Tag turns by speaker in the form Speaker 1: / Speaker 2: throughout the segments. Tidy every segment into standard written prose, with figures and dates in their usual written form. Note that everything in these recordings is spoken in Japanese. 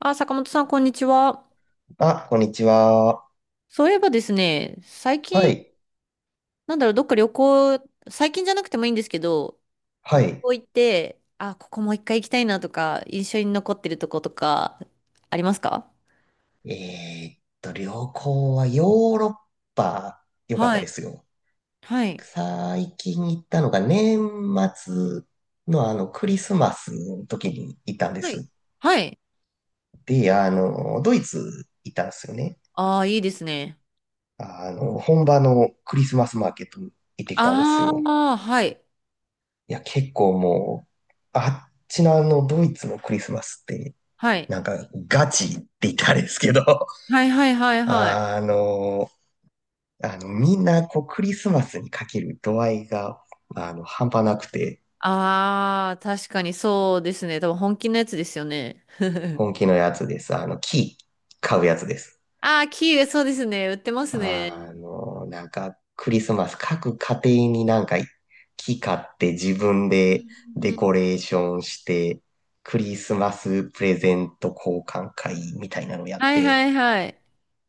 Speaker 1: あ、坂本さん、こんにちは。
Speaker 2: あ、こんにちは。
Speaker 1: そういえばですね、最
Speaker 2: は
Speaker 1: 近、
Speaker 2: い。
Speaker 1: どっか旅行、最近じゃなくてもいいんですけど、
Speaker 2: は
Speaker 1: 旅
Speaker 2: い。
Speaker 1: 行行って、あ、ここもう一回行きたいなとか、印象に残ってるとことか、ありますか？
Speaker 2: 旅行はヨーロッパ、良かっ
Speaker 1: は
Speaker 2: たで
Speaker 1: い。
Speaker 2: すよ。
Speaker 1: はい。
Speaker 2: 最近行ったのが年末のクリスマスの時に行ったんで
Speaker 1: はい。
Speaker 2: す。
Speaker 1: はい。
Speaker 2: で、ドイツ行ったんですよね。
Speaker 1: ああ、いいですね。
Speaker 2: 本場のクリスマスマーケットに行ってきたんです
Speaker 1: あ
Speaker 2: よ。
Speaker 1: あ、はい。
Speaker 2: いや、結構もう、あっちのドイツのクリスマスって、
Speaker 1: はい。
Speaker 2: なんか、ガチって言ったらあれですけど、
Speaker 1: はいはいはいはい。
Speaker 2: あのみんな、こう、クリスマスにかける度合いが、半端なくて、
Speaker 1: ああ、確かにそうですね。多分本気のやつですよね。
Speaker 2: 本気のやつです。木、買うやつです。
Speaker 1: ああ、キウイ、そうですね。売ってますね。
Speaker 2: なんか、クリスマス、各家庭になんか、木買って自分
Speaker 1: う
Speaker 2: で
Speaker 1: ん
Speaker 2: デ
Speaker 1: う
Speaker 2: コ
Speaker 1: ん
Speaker 2: レーションして、クリスマスプレゼント交換会みたいなのやっ
Speaker 1: はいは
Speaker 2: て、
Speaker 1: いはい。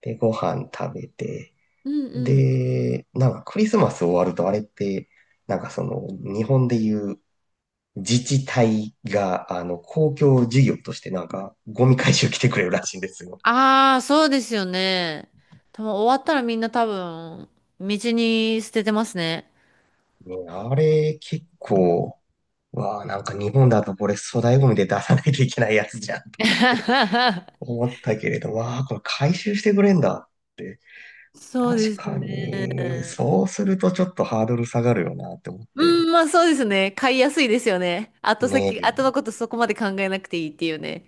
Speaker 2: で、ご飯食べて、
Speaker 1: うんうん。
Speaker 2: で、なんかクリスマス終わるとあれって、なんかその、日本でいう自治体が、公共事業としてなんか、ゴミ回収来てくれるらしいんですよ。
Speaker 1: ああ、そうですよね。多分終わったらみんな多分、道に捨ててますね。
Speaker 2: ね、あれ、結構、わあ、なんか日本だとこれ粗大ゴミで出さないといけないやつじゃんとかって 思ったけれど、わあ、これ回収してくれんだって。
Speaker 1: そうで
Speaker 2: 確
Speaker 1: す
Speaker 2: かに、
Speaker 1: ね。
Speaker 2: そうするとちょっとハードル下がるよなって思っ
Speaker 1: う
Speaker 2: て。
Speaker 1: ん、まあそうですね。買いやすいですよね。後
Speaker 2: ね
Speaker 1: 先、
Speaker 2: え、
Speaker 1: 後のことそこまで考えなくていいっていうね。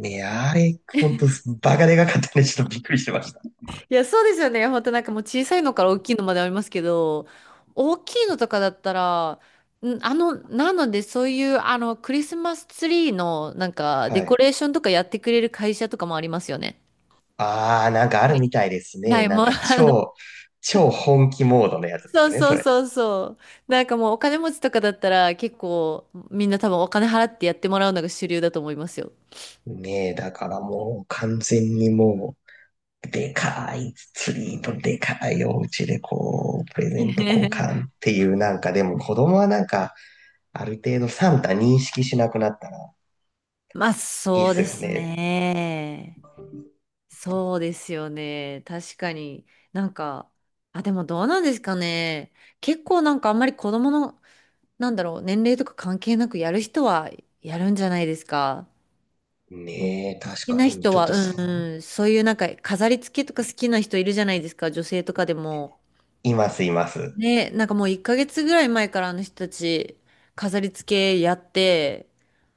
Speaker 2: ねえ、あれ、ほんと、バカでかかったね。ちょっとびっくりしてました。
Speaker 1: いや、そうですよね。本当なんかもう小さいのから大きいのまでありますけど、大きいのとかだったら、なのでそういうあのクリスマスツリーのなんかデ
Speaker 2: は
Speaker 1: コ
Speaker 2: い。
Speaker 1: レーションとかやってくれる会社とかもありますよね。
Speaker 2: ああ、なんかあ
Speaker 1: は
Speaker 2: る
Speaker 1: い。
Speaker 2: みたいです
Speaker 1: は
Speaker 2: ね。
Speaker 1: い、
Speaker 2: なん
Speaker 1: もう
Speaker 2: か 超、超本気モードのやつで
Speaker 1: そ
Speaker 2: す
Speaker 1: う
Speaker 2: ね、
Speaker 1: そ
Speaker 2: そ
Speaker 1: う
Speaker 2: れ。
Speaker 1: そうそう。なんかもうお金持ちとかだったら結構みんな多分お金払ってやってもらうのが主流だと思いますよ。
Speaker 2: ねえ、だからもう完全にもう、でかいツリーとでかいお家でこう、プレゼント交 換っていうなんか、でも子供はなんか、ある程度サンタ認識しなくなったら
Speaker 1: まあ
Speaker 2: いいっ
Speaker 1: そう
Speaker 2: す
Speaker 1: で
Speaker 2: よ
Speaker 1: す
Speaker 2: ね。
Speaker 1: ね。そうですよね。確かに。なんか、あ、でもどうなんですかね。結構なんかあんまり子供の、年齢とか関係なくやる人はやるんじゃないですか。
Speaker 2: ねえ、
Speaker 1: 好
Speaker 2: 確
Speaker 1: き
Speaker 2: か
Speaker 1: な
Speaker 2: に、
Speaker 1: 人
Speaker 2: ちょっ
Speaker 1: は、
Speaker 2: と
Speaker 1: う
Speaker 2: そ
Speaker 1: ん
Speaker 2: う、
Speaker 1: うん、そういうなんか飾り付けとか好きな人いるじゃないですか、女性とかでも。
Speaker 2: います、います。
Speaker 1: ね、なんかもう1ヶ月ぐらい前からあの人たち飾り付けやって、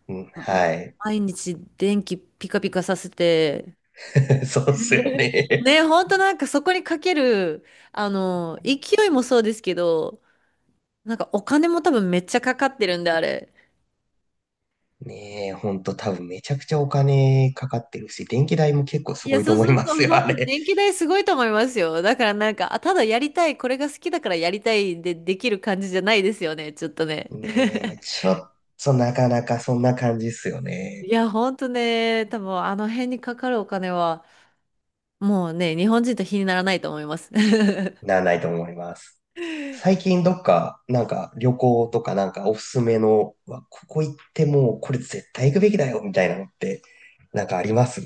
Speaker 2: うん、
Speaker 1: もう
Speaker 2: はい。
Speaker 1: 毎日電気ピカピカさせて、
Speaker 2: そうっすよ ね。
Speaker 1: ね、ほんとなんかそこにかける、あの、勢いもそうですけど、なんかお金も多分めっちゃかかってるんで、あれ。
Speaker 2: ねえ、ほんと多分めちゃくちゃお金かかってるし、電気代も結構す
Speaker 1: い
Speaker 2: ご
Speaker 1: や、
Speaker 2: いと
Speaker 1: そう
Speaker 2: 思い
Speaker 1: そう
Speaker 2: ま
Speaker 1: と、
Speaker 2: すよ、
Speaker 1: ほん
Speaker 2: あ
Speaker 1: と
Speaker 2: れ。
Speaker 1: 電気代すごいと思いますよ。だからなんか、あ、ただやりたい、これが好きだからやりたいでできる感じじゃないですよね、ちょっと ね。
Speaker 2: ねえ、ちょっとなかなかそんな感じっすよ
Speaker 1: い
Speaker 2: ね。
Speaker 1: や、ほんとね、多分あの辺にかかるお金は、もうね、日本人と比にならないと思います。
Speaker 2: なら ないと思います。最近どっか、なんか旅行とかなんかおすすめの、うわここ行ってもうこれ絶対行くべきだよ、みたいなのって、なんかあります？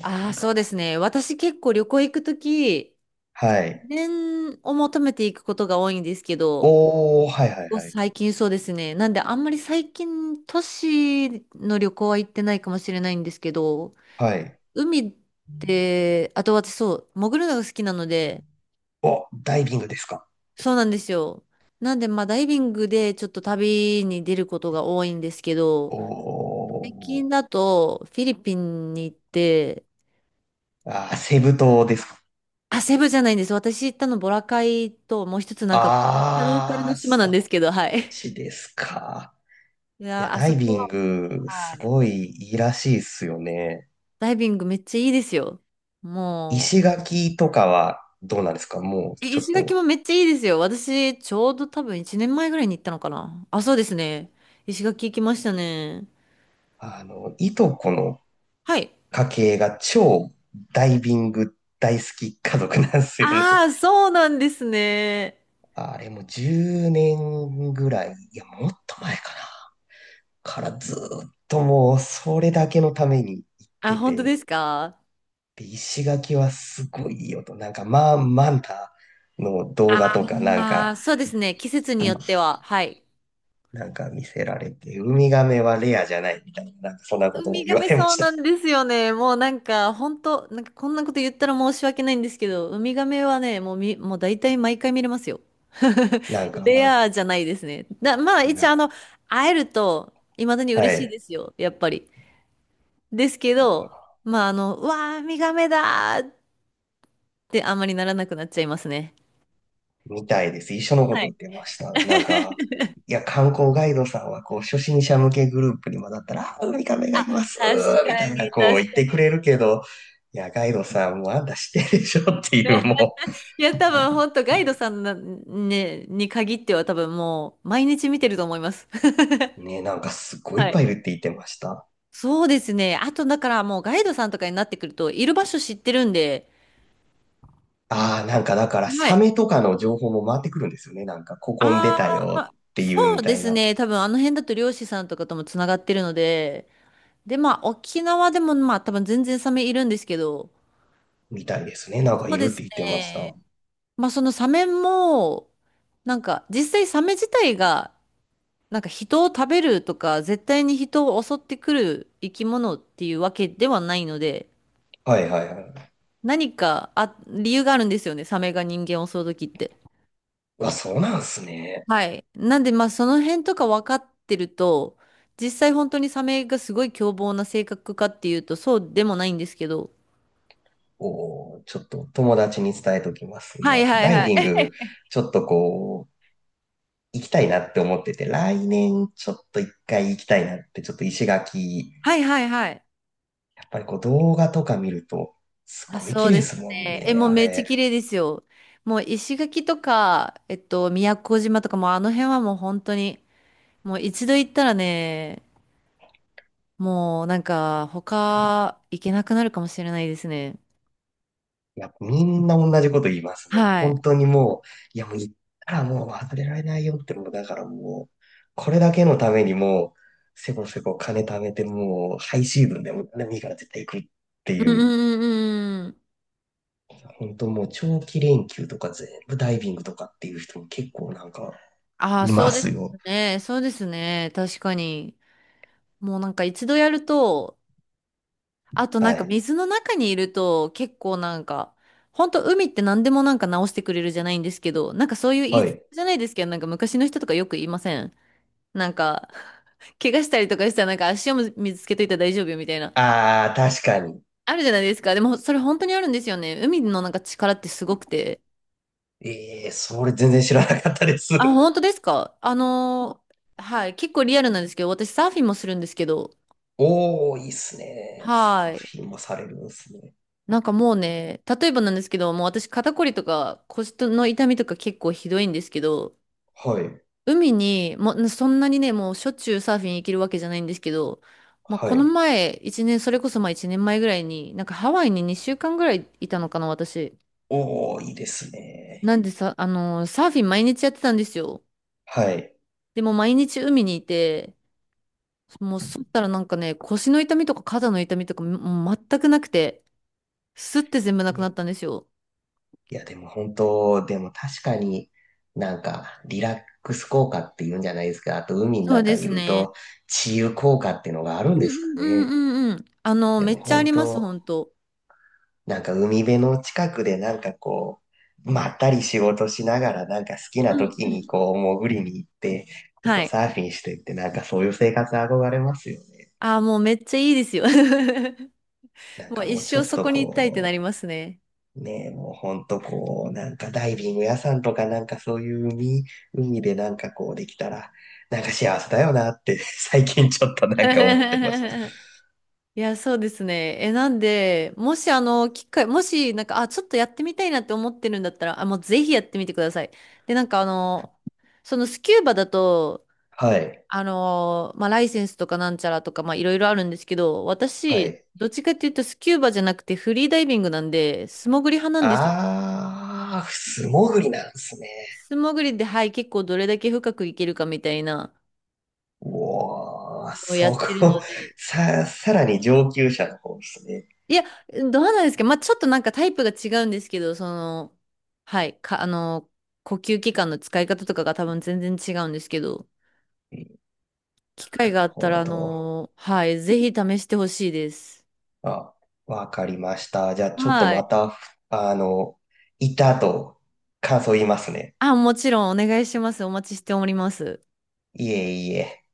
Speaker 1: ああ、そうですね。私結構旅行行くとき、
Speaker 2: は
Speaker 1: 自
Speaker 2: い。
Speaker 1: 然を求めていくことが多いんですけど、こ
Speaker 2: おー、はいはい
Speaker 1: こ
Speaker 2: はい。
Speaker 1: 最近そうですね。なんであんまり最近都市の旅行は行ってないかもしれないんですけど、
Speaker 2: はい。
Speaker 1: 海って、あと私そう、潜るのが好きなので、
Speaker 2: お、ダイビングですか？
Speaker 1: そうなんですよ。なんでまあダイビングでちょっと旅に出ることが多いんですけ
Speaker 2: お
Speaker 1: ど、最近
Speaker 2: ー。
Speaker 1: だとフィリピンに行って、
Speaker 2: あー、セブ島ですか？
Speaker 1: あ、セブじゃないんです。私行ったのボラカイともう一つなんかめっちゃローカル
Speaker 2: あ
Speaker 1: の
Speaker 2: ー、
Speaker 1: 島なんで
Speaker 2: そ
Speaker 1: すけど、はい。
Speaker 2: し ですか。
Speaker 1: い
Speaker 2: いや、
Speaker 1: や、あ
Speaker 2: ダ
Speaker 1: そ
Speaker 2: イ
Speaker 1: こ
Speaker 2: ビン
Speaker 1: はもう、
Speaker 2: グ、
Speaker 1: は
Speaker 2: す
Speaker 1: い。
Speaker 2: ごいいいらしいっすよね。
Speaker 1: ダイビングめっちゃいいですよ。も
Speaker 2: 石
Speaker 1: う、
Speaker 2: 垣とかはどうなんですか、もう、ちょっ
Speaker 1: 石垣
Speaker 2: と、
Speaker 1: もめっちゃいいですよ。私、ちょうど多分1年前ぐらいに行ったのかな。あ、そうですね。石垣行きましたね。
Speaker 2: いとこの
Speaker 1: はい。
Speaker 2: 家系が超ダイビング大好き家族なんですよね。
Speaker 1: ああ、そうなんですね。
Speaker 2: あれも10年ぐらい、いや、もっと前かな。からずーっともう、それだけのために行っ
Speaker 1: あ、
Speaker 2: て
Speaker 1: 本当
Speaker 2: て、
Speaker 1: ですか？
Speaker 2: で、石垣はすごいいいよと。なんか、まあ、マンタの動画とか、なん
Speaker 1: ああ
Speaker 2: か、
Speaker 1: ー、そうですね。季節によっては。はい。
Speaker 2: なんか見せられて、ウミガメはレアじゃないみたいな、なんかそんなこ
Speaker 1: ウ
Speaker 2: と
Speaker 1: ミ
Speaker 2: も
Speaker 1: ガ
Speaker 2: 言わ
Speaker 1: メ
Speaker 2: れま
Speaker 1: そう
Speaker 2: した。
Speaker 1: なんですよね。もうなんか、本当なんかこんなこと言ったら申し訳ないんですけど、ウミガメはね、もう大体毎回見れますよ。
Speaker 2: なんか、
Speaker 1: レ
Speaker 2: な、
Speaker 1: アじゃないですね。だ、まあ一応あの、会えると、未だに
Speaker 2: は
Speaker 1: 嬉しいで
Speaker 2: い。
Speaker 1: すよ。やっぱり。ですけ
Speaker 2: なん
Speaker 1: ど、
Speaker 2: か、
Speaker 1: まあ、あの、うわー、ウミガメだーってあんまりならなくなっちゃいますね。
Speaker 2: みたいです。一緒のこ
Speaker 1: は
Speaker 2: と言
Speaker 1: い。
Speaker 2: ってました。なんか、いや、観光ガイドさんは、こう、初心者向けグループにもだったら、あウミガメがいます
Speaker 1: 確
Speaker 2: み
Speaker 1: か
Speaker 2: たいな、
Speaker 1: に、
Speaker 2: こ
Speaker 1: 確
Speaker 2: う言っ
Speaker 1: か
Speaker 2: てくれ
Speaker 1: に。
Speaker 2: るけど、いや、ガイドさんもあんた知ってるでしょっていう、も
Speaker 1: いや、多分、本当ガイドさんな、ね、に限っては多分もう、毎日見てると思います。
Speaker 2: う、ね、なんかすっごいいっ
Speaker 1: は
Speaker 2: ぱいい
Speaker 1: い。
Speaker 2: るって言ってました。
Speaker 1: そうですね。あと、だからもう、ガイドさんとかになってくると、いる場所知ってるんで、
Speaker 2: ああ、なんかだから、
Speaker 1: は
Speaker 2: サ
Speaker 1: い。
Speaker 2: メとかの情報も回ってくるんですよね。なんか、ここに出
Speaker 1: あ
Speaker 2: たよ
Speaker 1: あ、
Speaker 2: っていう
Speaker 1: そ
Speaker 2: み
Speaker 1: う
Speaker 2: た
Speaker 1: で
Speaker 2: い
Speaker 1: す
Speaker 2: な。
Speaker 1: ね。多分、あの辺だと漁師さんとかともつながってるので、で、まあ、沖縄でも、まあ、多分全然サメいるんですけど、
Speaker 2: みたいですね。なんか
Speaker 1: そ
Speaker 2: い
Speaker 1: うで
Speaker 2: るって
Speaker 1: す
Speaker 2: 言ってまし
Speaker 1: ね。
Speaker 2: た。
Speaker 1: まあそのサメも、なんか実際サメ自体が、なんか人を食べるとか、絶対に人を襲ってくる生き物っていうわけではないので、
Speaker 2: はいはいはい。
Speaker 1: 何かあ、理由があるんですよね、サメが人間を襲う時って。
Speaker 2: あ、そうなんすね。
Speaker 1: はい。なんでまあその辺とか分かってると、実際本当にサメがすごい凶暴な性格かっていうと、そうでもないんですけど。
Speaker 2: おー、ちょっと友達に伝えときます。い
Speaker 1: はい
Speaker 2: や、
Speaker 1: はい
Speaker 2: ダイ
Speaker 1: はい。
Speaker 2: ビン グ、ちょっとこう、行きたいなって思ってて、来年ちょっと一回行きたいなって、ちょっと石垣、
Speaker 1: はいはいはい。
Speaker 2: やっぱりこう動画とか見ると、す
Speaker 1: あ、
Speaker 2: ごい
Speaker 1: そ
Speaker 2: 綺
Speaker 1: う
Speaker 2: 麗
Speaker 1: で
Speaker 2: で
Speaker 1: す
Speaker 2: すもん
Speaker 1: ね。え、
Speaker 2: ね、
Speaker 1: もう
Speaker 2: あ
Speaker 1: めっちゃ
Speaker 2: れ。
Speaker 1: 綺麗ですよ。もう石垣とか、宮古島とかもうあの辺はもう本当に、もう一度行ったらね、もうなんか他行けなくなるかもしれないですね。
Speaker 2: いや、みんな同じこと言いますね。もう
Speaker 1: は
Speaker 2: 本
Speaker 1: い。
Speaker 2: 当にもう、いやもう行ったらもう忘れられないよって、もうだからもう、これだけのためにもう、せこせこ金貯めてもう、ハイシーズンでも何でもいいから絶対行くって
Speaker 1: うん
Speaker 2: い
Speaker 1: う
Speaker 2: う、
Speaker 1: んうんうん。
Speaker 2: 本当もう長期連休とか全部ダイビングとかっていう人も結構なんか
Speaker 1: ああ、
Speaker 2: い
Speaker 1: そ
Speaker 2: ま
Speaker 1: うです
Speaker 2: すよ。
Speaker 1: ね。そうですね。確かに。もうなんか一度やると、あとなん
Speaker 2: は
Speaker 1: か
Speaker 2: い。
Speaker 1: 水の中にいると結構なんか、ほんと海って何でもなんか直してくれるじゃないんですけど、なんかそういう言い
Speaker 2: は
Speaker 1: 伝
Speaker 2: い。
Speaker 1: えじゃないですけど、なんか昔の人とかよく言いません？なんか、怪我したりとかしたらなんか足を水つけといたら大丈夫よみたいな。
Speaker 2: ああ、確かに。
Speaker 1: あるじゃないですか。でもそれ本当にあるんですよね。海のなんか力ってすごくて。
Speaker 2: ええ、それ全然知らなかったです。
Speaker 1: あ、本当ですか？はい。結構リアルなんですけど、私サーフィンもするんですけど、
Speaker 2: おー、いいっすね。サ
Speaker 1: は
Speaker 2: ー
Speaker 1: い。
Speaker 2: フィンもされるんですね。
Speaker 1: なんかもうね、例えばなんですけど、もう私肩こりとか腰の痛みとか結構ひどいんですけど、
Speaker 2: はい。
Speaker 1: 海に、もうそんなにね、もうしょっちゅうサーフィン行けるわけじゃないんですけど、まあこ
Speaker 2: は
Speaker 1: の
Speaker 2: い。
Speaker 1: 前、一年、それこそまあ一年前ぐらいに、なんかハワイに2週間ぐらいいたのかな、私。
Speaker 2: おー、いいですね。
Speaker 1: なんでさ、サーフィン毎日やってたんですよ。
Speaker 2: はい。
Speaker 1: でも毎日海にいて、もうそったらなんかね、腰の痛みとか肩の痛みとかもう全くなくて、スッて全部なくなったんですよ。
Speaker 2: いや、でも本当、でも確かになんかリラックス効果っていうんじゃないですか。あと海の
Speaker 1: そうで
Speaker 2: 中い
Speaker 1: す
Speaker 2: る
Speaker 1: ね。
Speaker 2: と治癒効果っていうのがある
Speaker 1: う
Speaker 2: んですか
Speaker 1: んうんう
Speaker 2: ね。
Speaker 1: んうんうん。あの、
Speaker 2: で
Speaker 1: め
Speaker 2: も
Speaker 1: っちゃあ
Speaker 2: 本
Speaker 1: ります、
Speaker 2: 当、
Speaker 1: 本当。
Speaker 2: なんか海辺の近くでなんかこう、まったり仕事しながらなんか好きな
Speaker 1: うん
Speaker 2: 時
Speaker 1: う
Speaker 2: に
Speaker 1: ん。
Speaker 2: こう潜りに行って、ちょっ
Speaker 1: は
Speaker 2: と
Speaker 1: い。
Speaker 2: サーフィンしてってなんかそういう生活憧れますよね。
Speaker 1: ああ、もうめっちゃいいですよ。
Speaker 2: なん
Speaker 1: も
Speaker 2: か
Speaker 1: う一
Speaker 2: もうちょ
Speaker 1: 生
Speaker 2: っ
Speaker 1: そ
Speaker 2: と
Speaker 1: こに行きたいってな
Speaker 2: こ
Speaker 1: り
Speaker 2: う、
Speaker 1: ますね。
Speaker 2: ねえ、もうほんとこう、なんかダイビング屋さんとかなんかそういう海、海でなんかこうできたら、なんか幸せだよなって 最近ちょっとなんか思ってます。
Speaker 1: いや、そうですね。え、なんで、もしあの、機会、もし、なんか、あ、ちょっとやってみたいなって思ってるんだったら、あ、もうぜひやってみてください。で、なんかあの、そのスキューバだと、
Speaker 2: はい、
Speaker 1: まあ、ライセンスとかなんちゃらとか、まあ、いろいろあるんですけど、
Speaker 2: は
Speaker 1: 私、
Speaker 2: い。
Speaker 1: どっちかっていうとスキューバじゃなくてフリーダイビングなんで、素潜り派なんですよ。
Speaker 2: あー、素潜りなんですね。
Speaker 1: 素潜りで、はい、結構どれだけ深くいけるかみたいな
Speaker 2: おー、
Speaker 1: のをや
Speaker 2: そ
Speaker 1: ってるの
Speaker 2: こ、
Speaker 1: で、
Speaker 2: さ、さらに上級者の方ですね。
Speaker 1: いや、どうなんですか、まあ、ちょっとなんかタイプが違うんですけど、その、はい、か、あのー呼吸器官の使い方とかが多分全然違うんですけど、
Speaker 2: な
Speaker 1: 機会
Speaker 2: る
Speaker 1: があった
Speaker 2: ほ
Speaker 1: ら、
Speaker 2: ど。
Speaker 1: はい、ぜひ試してほしいです。
Speaker 2: あ、わかりました。じゃあちょっと
Speaker 1: は
Speaker 2: ま
Speaker 1: い。
Speaker 2: た、あの、いたと感想言いますね。
Speaker 1: あ、もちろんお願いします。お待ちしております。
Speaker 2: いえいえ。